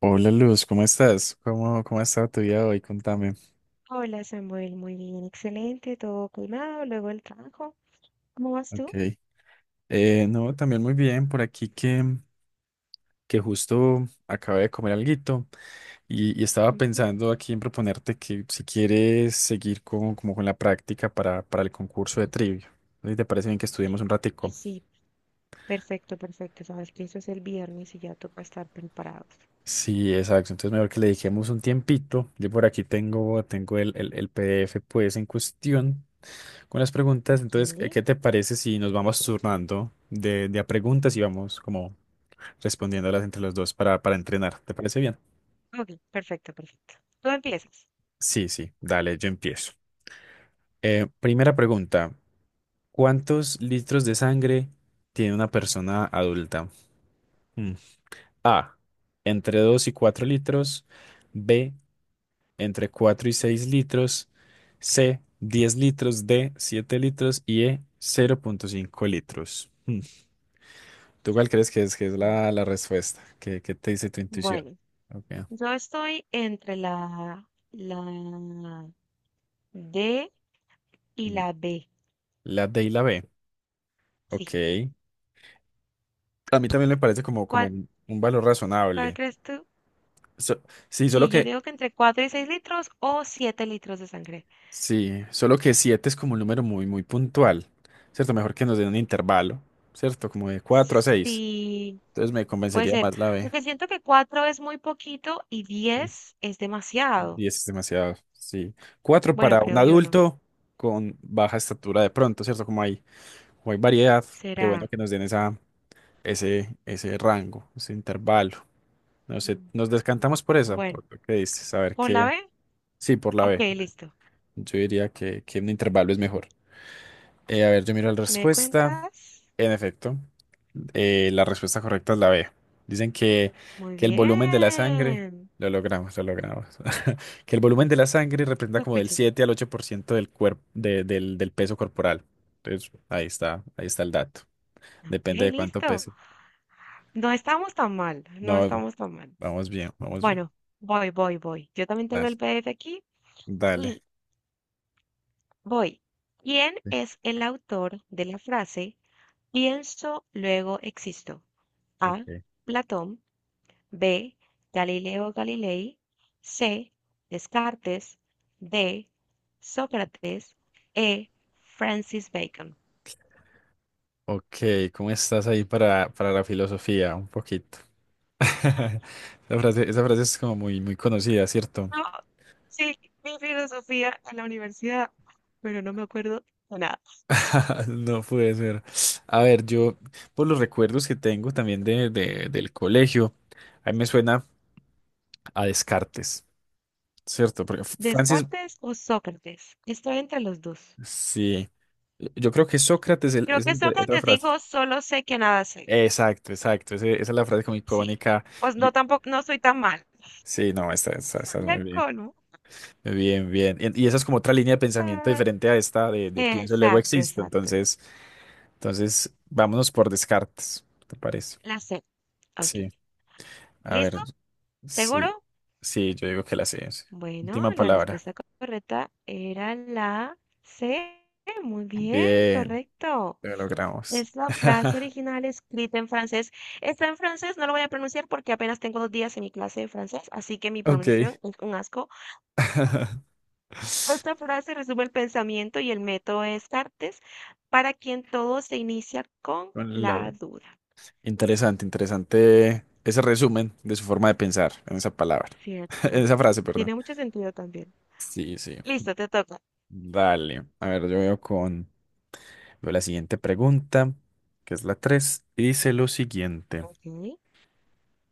Hola Luz, ¿cómo estás? ¿Cómo ha estado tu día hoy? Contame. Hola Samuel, muy bien, excelente, todo calmado, luego el trabajo. ¿Cómo vas tú? Ok. No, también muy bien, por aquí que justo acabé de comer alguito y estaba Ujú. pensando aquí en proponerte que si quieres seguir como con la práctica para el concurso de trivia. ¿Y te parece bien que estudiemos un Y ratico? sí, perfecto, perfecto. Sabes que eso es el viernes y ya toca estar preparados. Sí, exacto. Entonces mejor que le dediquemos un tiempito. Yo por aquí tengo el PDF pues en cuestión. Con las preguntas, Ok, entonces, ¿qué te parece si nos vamos turnando de a preguntas y vamos como respondiéndolas entre los dos para entrenar? ¿Te parece bien? ok, perfecto, perfecto. Tú empiezas. Sí, sí, dale, yo empiezo. Primera pregunta, ¿cuántos litros de sangre tiene una persona adulta? Mm. A, entre 2 y 4 litros, B, entre 4 y 6 litros, C, 10 litros, D, 7 litros y E, 0,5 litros. Mm. ¿Tú cuál crees que es Mm. la respuesta? ¿Qué te dice tu intuición? Bueno, Okay. yo estoy entre la D y Mm. la B. La D y la B. Sí. Ok. A mí también me parece como ¿Cuál, un valor cuál razonable. crees tú? So- sí, solo Sí, yo que, digo que entre 4 y 6 litros o 7 litros de sangre. sí, solo que 7 es como un número muy, muy puntual, ¿cierto? Mejor que nos den un intervalo, ¿cierto? Como de 4 a seis. Sí. Entonces me Puede convencería ser, más la B. porque siento que cuatro es muy poquito y Sí. 10 es demasiado. 10 es demasiado, sí. Cuatro Bueno, para un creo yo no. adulto con baja estatura de pronto, ¿cierto? Como hay variedad, qué bueno Será. que nos den ese rango, ese intervalo. No sé, mm, nos descantamos por esa, por Bueno, lo que dices. A ver ¿por la qué. B? Sí, por la Ok, B. listo. Yo diría que un intervalo es mejor. A ver, yo miro la ¿Me respuesta. cuentas? En efecto, la respuesta correcta es la B. Dicen que, Muy que el volumen de la sangre, bien. Lo logramos, que el volumen de la sangre representa Lo como del escucho. 7 al 8% del cuerpo, del peso corporal. Entonces, ahí está el dato. Ok, Depende de cuánto listo. pese. No estamos tan mal, no No, estamos tan mal. vamos bien, vamos bien. Bueno, voy, voy, voy. Yo también tengo el Dale. PDF aquí Dale. y voy. ¿Quién es el autor de la frase pienso, luego existo? A. Ok, Platón. B. Galileo Galilei. C. Descartes. D. Sócrates. E. Francis Bacon. ok, ¿cómo estás ahí para la filosofía? Un poquito. Esa frase es como muy, muy conocida, ¿cierto? No, sí, mi filosofía en la universidad, pero no me acuerdo de nada. No puede ser. A ver, yo, por los recuerdos que tengo también del colegio, a mí me suena a Descartes, ¿cierto? Porque Francis, ¿Descartes o Sócrates? Estoy entre los dos. sí, yo creo que Sócrates Creo es que el de- otra Sócrates frase. dijo, solo sé que nada sé. Exacto, exacto, esa es la frase como Sí, icónica. pues no y- tampoco, no soy tan mal. sí, no, está esa Soy muy el bien. cono. Bien, bien. Y esa es como otra línea de pensamiento Ah, diferente a esta de pienso, luego exacto, existo. exacto. Entonces, vámonos por Descartes, ¿te parece? La sé. Ok. Sí. A ¿Listo? ver, ¿Seguro? sí, sí, yo digo que la sé. Sí. Bueno, Última la palabra. respuesta correcta era la C. Muy bien, Bien, correcto. lo logramos. Es la frase original escrita en francés. Está en francés, no lo voy a pronunciar porque apenas tengo 2 días en mi clase de francés, así que mi Ok. pronunciación es un asco. Esta frase resume el pensamiento y el método de Descartes, para quien todo se inicia con Con la- la duda. Interesante, interesante ese resumen de su forma de pensar en esa palabra, en Cierto. esa frase, perdón. Tiene mucho sentido también. Sí, sí. Listo, te toca. Dale. A ver, Veo la siguiente pregunta, que es la 3 y dice lo siguiente. Ok.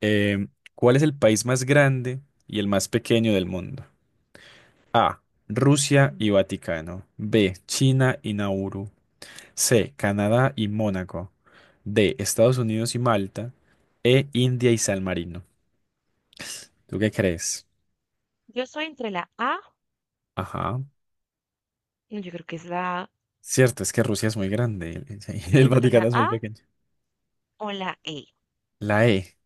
Em, ¿Cuál es el país más grande y el más pequeño del mundo? A. Rusia y Vaticano. B. China y Nauru. C. Canadá y Mónaco. D. Estados Unidos y Malta. E. India y San Marino. ¿Tú qué crees? Yo soy entre la A, Ajá. no, yo creo que es la A Cierto, es que Rusia es muy grande y el el entre Vaticano la es muy A pequeño. o la E. La E.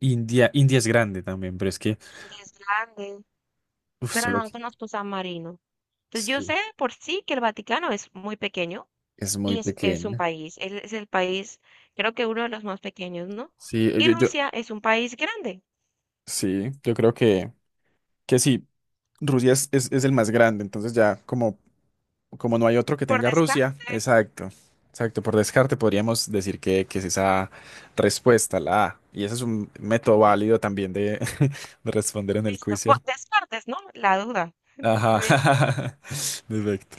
India, India es grande también, pero es que, Inglés grande, uf, pero solo no que conozco San Marino. Entonces yo sí, sé por sí que el Vaticano es muy pequeño es muy y es un pequeña. país, él es el país, creo que uno de los más pequeños, ¿no? Sí, Y yo, Rusia es un país grande, sí, yo creo que sí, Rusia es el más grande, entonces ya como no hay otro que por tenga Rusia, descarte. exacto, exacto, por descarte podríamos decir que es esa respuesta, la A, y ese es un método válido también de, de responder en el Listo, quiz, por ¿cierto? descartes, ¿no? La duda. Entonces, a Ajá, ver, perfecto.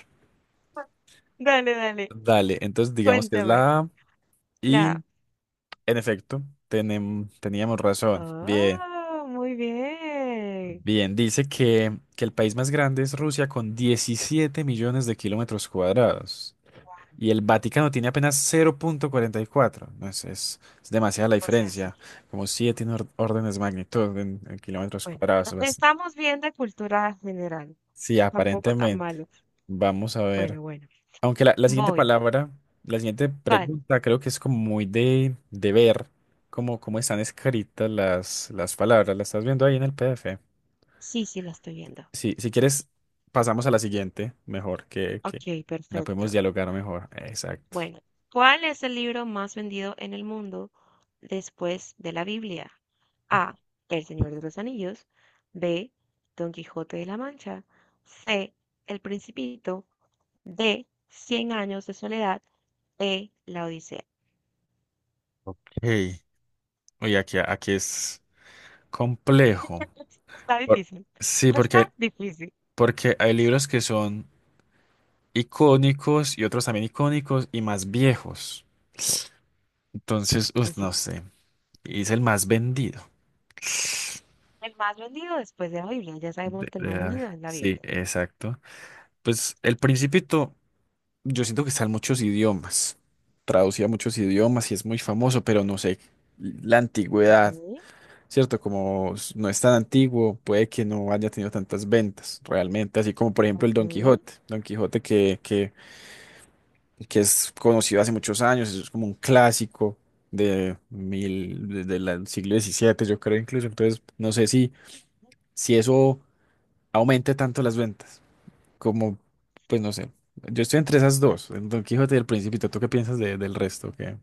dale, dale, Dale, entonces digamos que es cuéntame. la A, La... y en efecto, teníamos razón, bien. Ah, muy bien. Bien, dice que el país más grande es Rusia con 17 millones de kilómetros cuadrados y el Vaticano tiene apenas 0,44. No es demasiada la O sea, sí. diferencia, como 7 en órdenes de magnitud en kilómetros Bueno, cuadrados. Estamos bien de cultura general. Sí, Tampoco tan aparentemente. malo. Vamos a ver. Bueno, bueno. Aunque la siguiente Voy. palabra, la siguiente ¿Cuál? pregunta creo que es como muy de ver cómo están escritas las palabras. ¿La estás viendo ahí en el PDF? Sí, sí, la estoy viendo. Si quieres, pasamos a la siguiente, mejor, que Ok, la podemos perfecto. dialogar mejor. Exacto. Bueno, ¿cuál es el libro más vendido en el mundo después de la Biblia? A. El Señor de los Anillos. B. Don Quijote de la Mancha. C. El Principito. D. Cien años de soledad. E. La Odisea. Hey, oye, aquí es complejo. Está Por- difícil. sí, Está porque, difícil. porque hay libros que son icónicos y otros también icónicos y más viejos. Entonces, uf, Sí. no sé. Y es el más vendido. El más vendido después de la Biblia. Ya sabemos De- que el de más vendido la- es la sí, Biblia. exacto. Pues El Principito, yo siento que está en muchos idiomas. Traducido a muchos idiomas y es muy famoso, Ujú. pero no sé. La Ok. antigüedad. ¿Cierto? Como no es tan antiguo, puede que no haya tenido tantas ventas realmente, así como por ejemplo el Don Mm. Quijote, Don Quijote que es conocido hace muchos años, es como un clásico de mil, de la- del siglo diecisiete yo creo incluso, entonces no sé si eso aumente tanto las ventas, como, pues no sé, yo estoy entre esas dos, el Don Quijote y el Principito, ¿tú qué piensas del resto que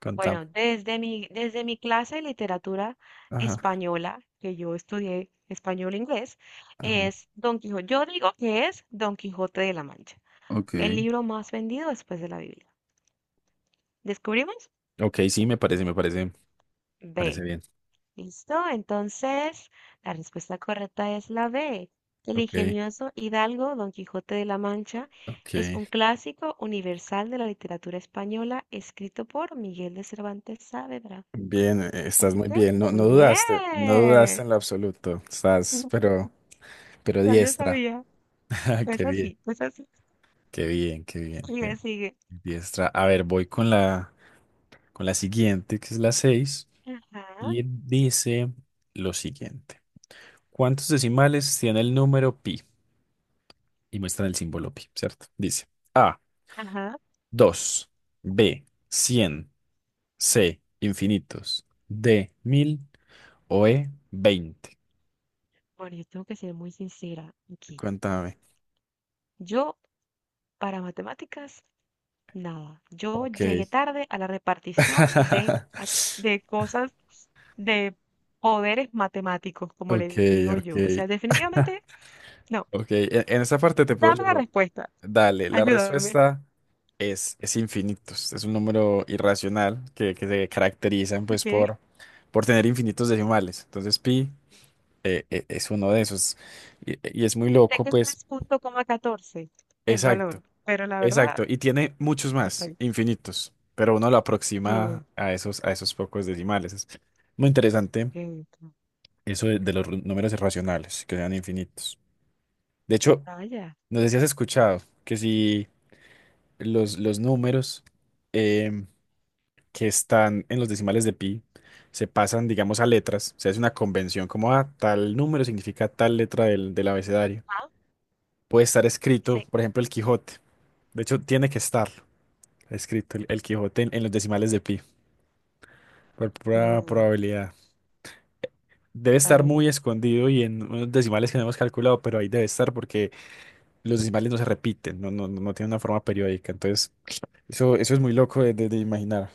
contamos? Bueno, desde mi clase de literatura Ajá, española, que yo estudié español-inglés, ajá. es Don Quijote. Yo digo que es Don Quijote de la Mancha, el Ok. libro más vendido después de la Biblia. ¿Descubrimos? Ok, sí, me parece, parece B. bien. ¿Listo? Entonces, la respuesta correcta es la B. El Ok. ingenioso hidalgo Don Quijote de la Mancha Ok, es un clásico universal de la literatura española escrito por Miguel de Cervantes Saavedra. bien, estás Así muy que, bien, no, muy no dudaste, no dudaste bien. en lo absoluto, estás, pero Ya yo diestra. sabía. Qué Es bien, así, es así. qué bien, qué bien, Sigue, qué sigue. diestra. A ver, voy con la siguiente, que es la 6 Ajá, y dice lo siguiente. ¿Cuántos decimales tiene el número pi? Y muestran el símbolo pi, ¿cierto? Dice A, ajá. 2, B, 100, C, infinitos, D, 1000 o E, 20. Bueno, yo tengo que ser muy sincera aquí. Cuéntame. Yo, para matemáticas, nada. Yo Ok. llegué tarde a la repartición de, a- de cosas, de poderes matemáticos, como Ok, le digo ok, yo. O sea, definitivamente, no. ok. En esa parte te puedo Dame la yo. respuesta. Dale, la Ayúdame. respuesta es infinitos. Es un número irracional que se caracterizan pues ¿Ok? por tener infinitos decimales. Entonces pi es uno de esos. Y, y es muy Sé loco, que es pues. 3,14 el Exacto, valor, pero la verdad, exacto. Y tiene muchos o más, sea, infinitos. Pero uno lo aproxima que, a esos pocos decimales. Es muy interesante que, eso de los números irracionales, que sean infinitos. De hecho, vaya, no sé si has escuchado que si los números em, que están en los decimales de pi se pasan, digamos, a letras, o sea, es una convención como, ah, tal número significa tal letra del abecedario. ah, Puede estar escrito, sí, por ejemplo, el Quijote. De hecho, tiene que estar escrito el Quijote en los decimales de pi, por pura que, probabilidad. Debe estar muy vaya, escondido y en unos decimales que no hemos calculado, pero ahí debe estar porque los decimales no se repiten, no, no, no tienen una forma periódica. Entonces. Eso es muy loco de imaginar.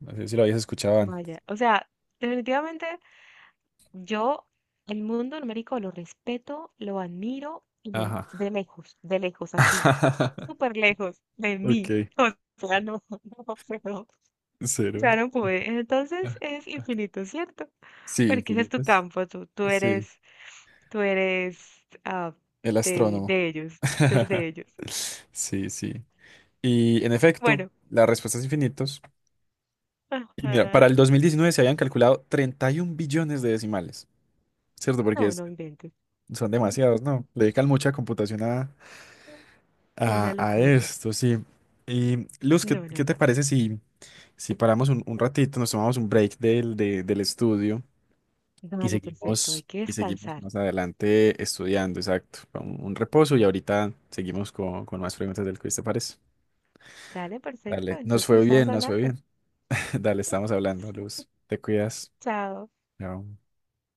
No sé si lo habías escuchado antes. vaya. O sea, definitivamente yo el mundo numérico lo respeto, lo admiro y Ajá. De lejos, así, súper lejos de mí. Ok, O sea, no, no puedo. cero. Ya no pude. Entonces Ah, es ah. infinito, ¿cierto? Sí, Porque ese es tu infinitas. campo, tú Sí, eres el de, astrónomo. de ellos, tú eres de ellos. Sí, sí. Y en efecto, Bueno, la respuesta es infinitos. Y mira, para ajá. el 2019 se habían calculado 31 billones de decimales, ¿cierto? Porque No, no inventes. son Mm, demasiados, ¿no? Le dedican mucha computación a, a, Una a locura. esto, sí. Y Luz, ¿qué, No, no, qué te no. parece si paramos un ratito, nos tomamos un break del estudio y Dale, perfecto, hay seguimos, que y seguimos descansar. más adelante estudiando, exacto, con un, reposo y ahorita seguimos con más preguntas del quiz, ¿te parece? Dale, perfecto. Dale, nos Entonces fue estamos bien, nos fue hablando. bien. Dale, estamos hablando, Luz. Te cuidas. Chao. Chao.